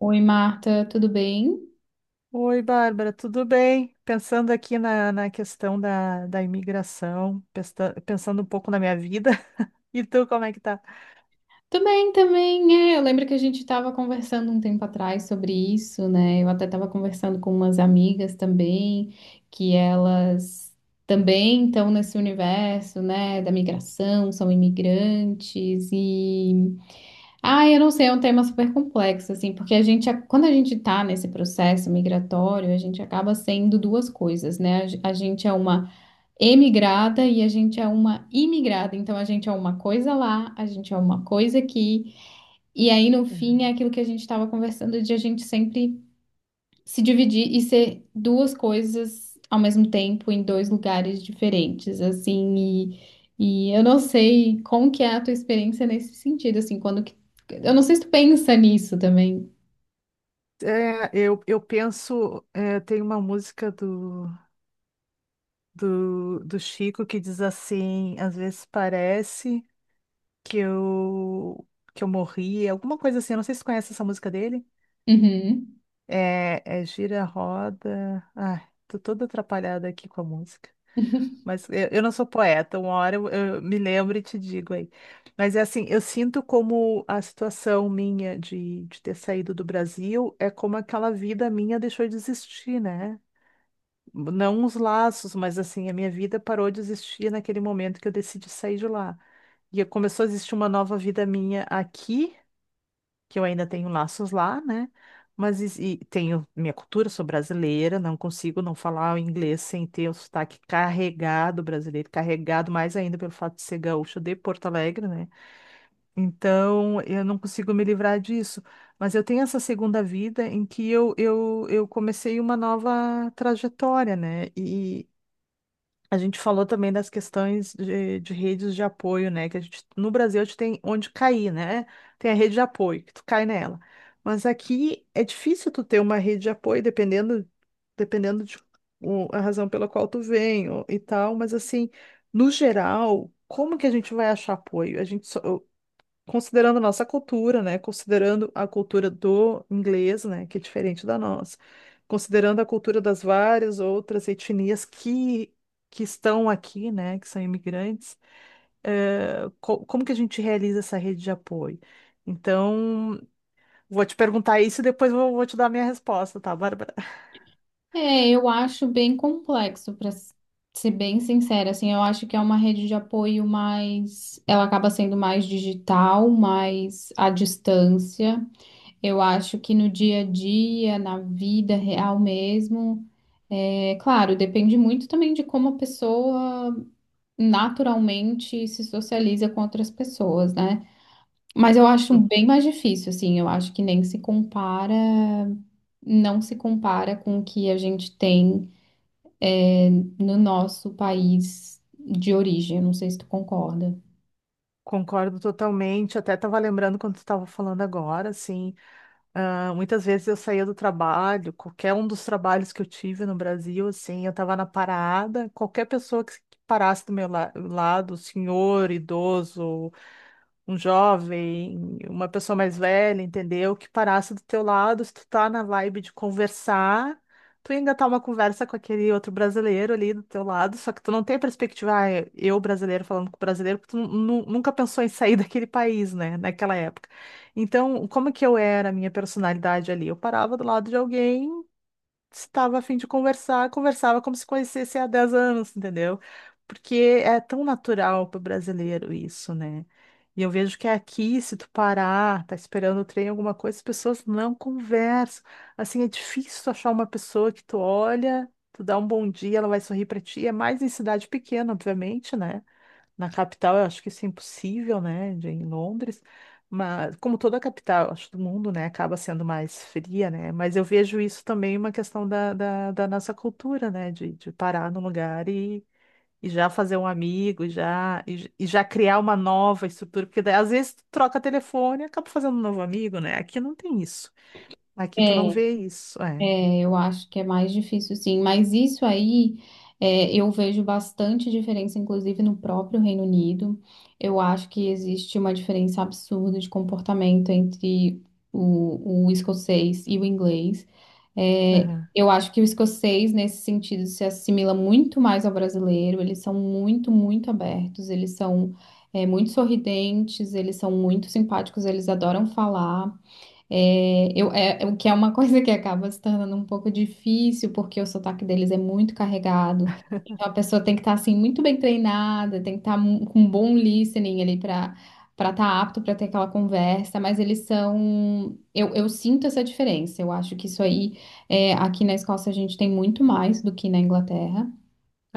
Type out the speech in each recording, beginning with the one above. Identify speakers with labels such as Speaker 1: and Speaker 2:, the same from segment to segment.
Speaker 1: Oi, Marta, tudo bem?
Speaker 2: Oi, Bárbara, tudo bem? Pensando aqui na questão da imigração, pensando um pouco na minha vida. E tu, como é que tá?
Speaker 1: Também, também, é. Eu lembro que a gente estava conversando um tempo atrás sobre isso, né? Eu até estava conversando com umas amigas também, que elas também estão nesse universo, né, da migração, são imigrantes e... Ah, eu não sei, é um tema super complexo, assim, porque a gente, quando a gente está nesse processo migratório, a gente acaba sendo duas coisas, né? A gente é uma emigrada e a gente é uma imigrada. Então a gente é uma coisa lá, a gente é uma coisa aqui. E aí no
Speaker 2: Uhum.
Speaker 1: fim é aquilo que a gente estava conversando de a gente sempre se dividir e ser duas coisas ao mesmo tempo em dois lugares diferentes, assim. E eu não sei como que é a tua experiência nesse sentido, assim, quando que... Eu não sei se tu pensa nisso também.
Speaker 2: É, eu penso, é, tem uma música do Chico que diz assim, às vezes parece que eu, que eu morri, alguma coisa assim, eu não sei se tu conhece essa música dele.
Speaker 1: Uhum.
Speaker 2: É, é Gira a Roda. Ai, tô toda atrapalhada aqui com a música. Mas eu não sou poeta, uma hora eu me lembro e te digo aí. Mas é assim, eu sinto como a situação minha de ter saído do Brasil é como aquela vida minha deixou de existir, né? Não os laços, mas assim, a minha vida parou de existir naquele momento que eu decidi sair de lá. E começou a existir uma nova vida minha aqui que eu ainda tenho laços lá, né? Mas e tenho minha cultura, sou brasileira, não consigo não falar o inglês sem ter o sotaque carregado brasileiro, carregado mais ainda pelo fato de ser gaúcho de Porto Alegre, né? Então eu não consigo me livrar disso. Mas eu tenho essa segunda vida em que eu comecei uma nova trajetória, né? A gente falou também das questões de redes de apoio, né? Que a gente, no Brasil a gente tem onde cair, né? Tem a rede de apoio, que tu cai nela. Mas aqui é difícil tu ter uma rede de apoio, dependendo de a razão pela qual tu vem e tal. Mas assim, no geral, como que a gente vai achar apoio? A gente só, considerando a nossa cultura, né? Considerando a cultura do inglês, né? Que é diferente da nossa. Considerando a cultura das várias outras etnias que estão aqui, né? Que são imigrantes, como que a gente realiza essa rede de apoio? Então, vou te perguntar isso e depois vou te dar a minha resposta, tá, Bárbara?
Speaker 1: É, eu acho bem complexo, para ser bem sincera, assim, eu acho que é uma rede de apoio mais, ela acaba sendo mais digital, mais à distância. Eu acho que no dia a dia, na vida real mesmo, é claro, depende muito também de como a pessoa naturalmente se socializa com outras pessoas, né? Mas eu acho bem mais difícil, assim, eu acho que nem se compara, não se compara com o que a gente tem no nosso país de origem. Eu não sei se tu concorda.
Speaker 2: Concordo totalmente. Até estava lembrando quando tu estava falando agora, assim. Ah, muitas vezes eu saía do trabalho, qualquer um dos trabalhos que eu tive no Brasil, assim, eu estava na parada, qualquer pessoa que parasse do meu lado, senhor, idoso, um jovem, uma pessoa mais velha, entendeu? Que parasse do teu lado, se tu tá na vibe de conversar, tu ia engatar uma conversa com aquele outro brasileiro ali do teu lado, só que tu não tem a perspectiva, ah, eu brasileiro falando com brasileiro, porque tu nunca pensou em sair daquele país, né, naquela época. Então, como que eu era a minha personalidade ali? Eu parava do lado de alguém estava a fim de conversar, conversava como se conhecesse há 10 anos, entendeu? Porque é tão natural para o brasileiro isso, né? E eu vejo que aqui, se tu parar, tá esperando o trem, alguma coisa, as pessoas não conversam. Assim, é difícil tu achar uma pessoa que tu olha, tu dá um bom dia, ela vai sorrir para ti. É mais em cidade pequena, obviamente, né? Na capital, eu acho que isso é impossível, né? Em Londres. Mas, como toda a capital, acho, do mundo, né? Acaba sendo mais fria, né? Mas eu vejo isso também uma questão da nossa cultura, né? De parar num lugar e já fazer um amigo, e já criar uma nova estrutura. Porque daí, às vezes, tu troca telefone e acaba fazendo um novo amigo, né? Aqui não tem isso. Aqui tu não
Speaker 1: É,
Speaker 2: vê isso. É.
Speaker 1: é, eu acho que é mais difícil, sim. Mas isso aí, é, eu vejo bastante diferença, inclusive no próprio Reino Unido. Eu acho que existe uma diferença absurda de comportamento entre o escocês e o inglês. É,
Speaker 2: Aham,
Speaker 1: eu acho que o escocês, nesse sentido, se assimila muito mais ao brasileiro. Eles são muito, muito abertos, eles são, é, muito sorridentes, eles são muito simpáticos, eles adoram falar. É, eu, é, é o que é uma coisa que acaba se tornando um pouco difícil, porque o sotaque deles é muito carregado. Então a pessoa tem que estar assim muito bem treinada, tem que estar com um bom listening ali para estar apto para ter aquela conversa. Mas eles são, eu sinto essa diferença. Eu acho que isso aí é, aqui na Escócia a gente tem muito mais do que na Inglaterra.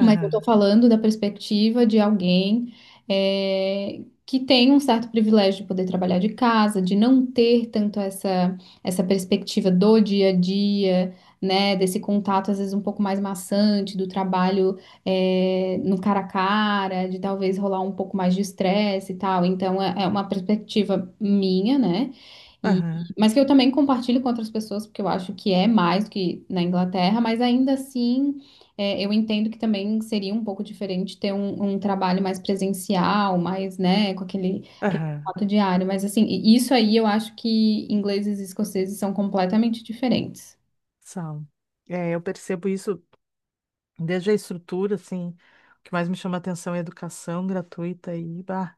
Speaker 1: Mas eu estou falando da perspectiva de alguém que tem um certo privilégio de poder trabalhar de casa, de não ter tanto essa, essa perspectiva do dia a dia, né? Desse contato, às vezes, um pouco mais maçante, do trabalho no cara a cara, de talvez rolar um pouco mais de estresse e tal. Então, é, é uma perspectiva minha, né? E,
Speaker 2: aham,
Speaker 1: mas que eu também compartilho com outras pessoas, porque eu acho que é mais do que na Inglaterra, mas ainda assim. É, eu entendo que também seria um pouco diferente ter um trabalho mais presencial, mais, né, com aquele, aquele
Speaker 2: aham.
Speaker 1: contato diário, mas assim, isso aí eu acho que ingleses e escoceses são completamente diferentes.
Speaker 2: São. É, eu percebo isso desde a estrutura, assim, o que mais me chama atenção é a educação gratuita e, bah,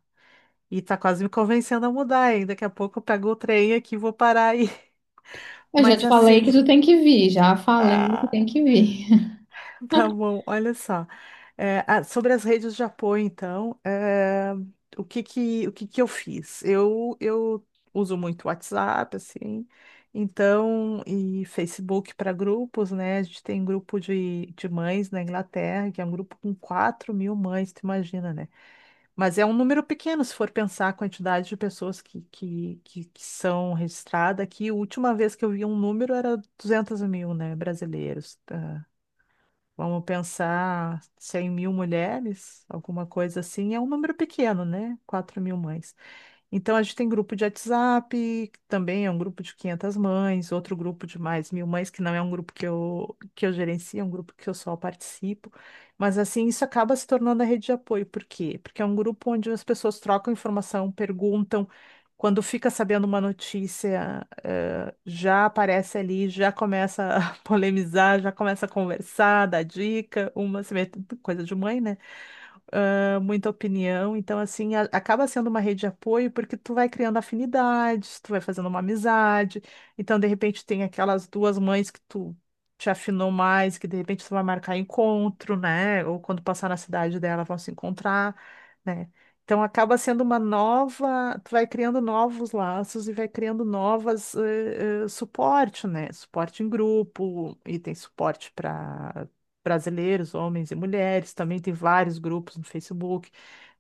Speaker 2: e tá quase me convencendo a mudar, hein? Daqui a pouco eu pego o trem aqui e vou parar aí.
Speaker 1: Eu já
Speaker 2: Mas
Speaker 1: te falei
Speaker 2: assim,
Speaker 1: que tu tem que vir, já falei que tem que vir.
Speaker 2: tá bom, olha só. É, ah, sobre as redes de apoio, então, é, o que que eu fiz? Eu uso muito WhatsApp, assim, então, e Facebook para grupos, né? A gente tem grupo de mães na Inglaterra, que é um grupo com 4.000 mães, tu imagina, né? Mas é um número pequeno, se for pensar a quantidade de pessoas que são registradas aqui. A última vez que eu vi um número era 200.000, né, brasileiros. Vamos pensar 100.000 mulheres, alguma coisa assim, é um número pequeno, né? 4.000 mães. Então, a gente tem grupo de WhatsApp, que também é um grupo de 500 mães, outro grupo de mais 1.000 mães, que não é um grupo que eu gerencio, é um grupo que eu só participo. Mas, assim, isso acaba se tornando a rede de apoio. Por quê? Porque é um grupo onde as pessoas trocam informação, perguntam. Quando fica sabendo uma notícia, já aparece ali, já começa a polemizar, já começa a conversar, dar dica, uma se mete- coisa de mãe, né? Ah, muita opinião. Então, assim, acaba sendo uma rede de apoio porque tu vai criando afinidades, tu vai fazendo uma amizade. Então, de repente, tem aquelas duas mães que tu te afinou mais, que de repente tu vai marcar encontro, né? Ou quando passar na cidade dela, vão se encontrar, né? Então, acaba sendo uma nova. Tu vai criando novos laços e vai criando novas suporte, né? Suporte em grupo, e tem suporte para brasileiros, homens e mulheres, também tem vários grupos no Facebook,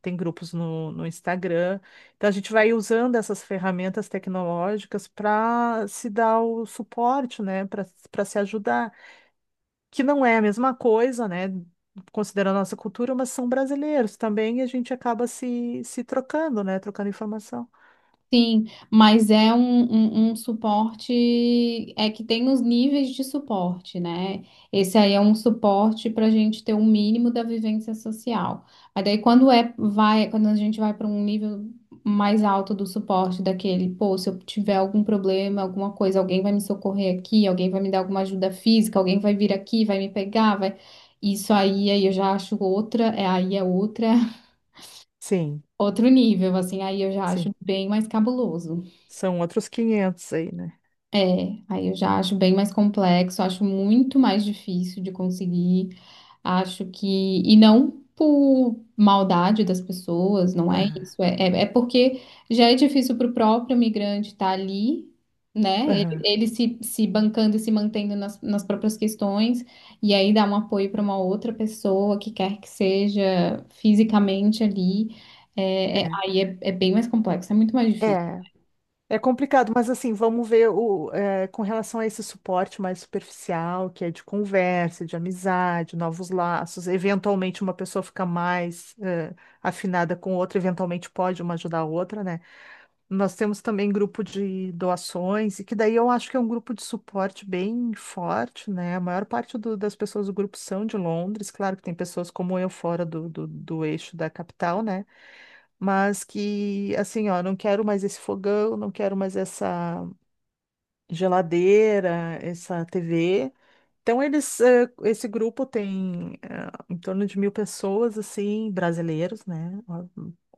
Speaker 2: tem grupos no Instagram. Então a gente vai usando essas ferramentas tecnológicas para se dar o suporte, né, para se ajudar, que não é a mesma coisa, né, considerando a nossa cultura, mas são brasileiros também e a gente acaba se trocando, né, trocando informação.
Speaker 1: Sim, mas é um suporte, é que tem os níveis de suporte, né? Esse aí é um suporte para a gente ter um mínimo da vivência social. Mas daí quando é, vai, quando a gente vai para um nível mais alto do suporte daquele, pô, se eu tiver algum problema, alguma coisa, alguém vai me socorrer aqui, alguém vai me dar alguma ajuda física, alguém vai vir aqui, vai me pegar, vai. Isso aí, aí eu já acho outra, é, aí é outra,
Speaker 2: Sim,
Speaker 1: outro nível, assim, aí eu já acho
Speaker 2: sim.
Speaker 1: bem mais cabuloso.
Speaker 2: São outros 500 aí, né?
Speaker 1: É, aí eu já acho bem mais complexo, acho muito mais difícil de conseguir, acho que, e não por maldade das pessoas, não é
Speaker 2: Aham,
Speaker 1: isso, é, é, é porque já é difícil para o próprio migrante estar ali, né? Ele,
Speaker 2: aham.
Speaker 1: ele se, se bancando e se mantendo nas, nas próprias questões, e aí dar um apoio para uma outra pessoa que quer que seja fisicamente ali, é,
Speaker 2: É.
Speaker 1: aí é, é bem mais complexo, é muito mais difícil.
Speaker 2: É. É complicado, mas assim, vamos ver o, eh, com relação a esse suporte mais superficial, que é de conversa, de amizade, novos laços. Eventualmente, uma pessoa fica mais, eh, afinada com outra, eventualmente pode uma ajudar a outra, né? Nós temos também grupo de doações, e que daí eu acho que é um grupo de suporte bem forte, né? A maior parte das pessoas do grupo são de Londres, claro que tem pessoas como eu fora do eixo da capital, né? Mas que assim, ó, não quero mais esse fogão, não quero mais essa geladeira, essa TV. Então, eles, eh, esse grupo tem eh, em torno de 1.000 pessoas, assim, brasileiros, né? Ó,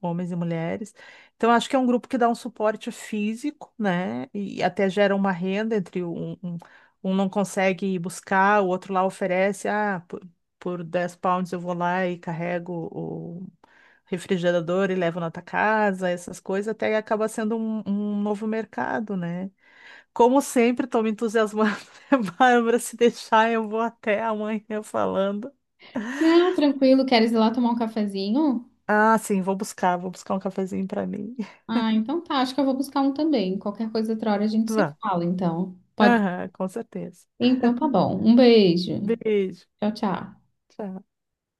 Speaker 2: homens e mulheres. Então, acho que é um grupo que dá um suporte físico, né? E até gera uma renda entre um não consegue ir buscar, o outro lá oferece, por 10 pounds eu vou lá e carrego o refrigerador e levo na tua casa, essas coisas, até acaba sendo um novo mercado, né? Como sempre, estou me entusiasmando, né, Bárbara? Se deixar, eu vou até amanhã falando.
Speaker 1: Ah, tranquilo, queres ir lá tomar um cafezinho?
Speaker 2: Ah, sim, vou buscar um cafezinho para mim.
Speaker 1: Ah, então tá. Acho que eu vou buscar um também. Qualquer coisa outra hora a gente se
Speaker 2: Vá.
Speaker 1: fala, então. Pode.
Speaker 2: Aham, com certeza.
Speaker 1: Então tá bom. Um beijo.
Speaker 2: Beijo.
Speaker 1: Tchau, tchau.
Speaker 2: Tchau.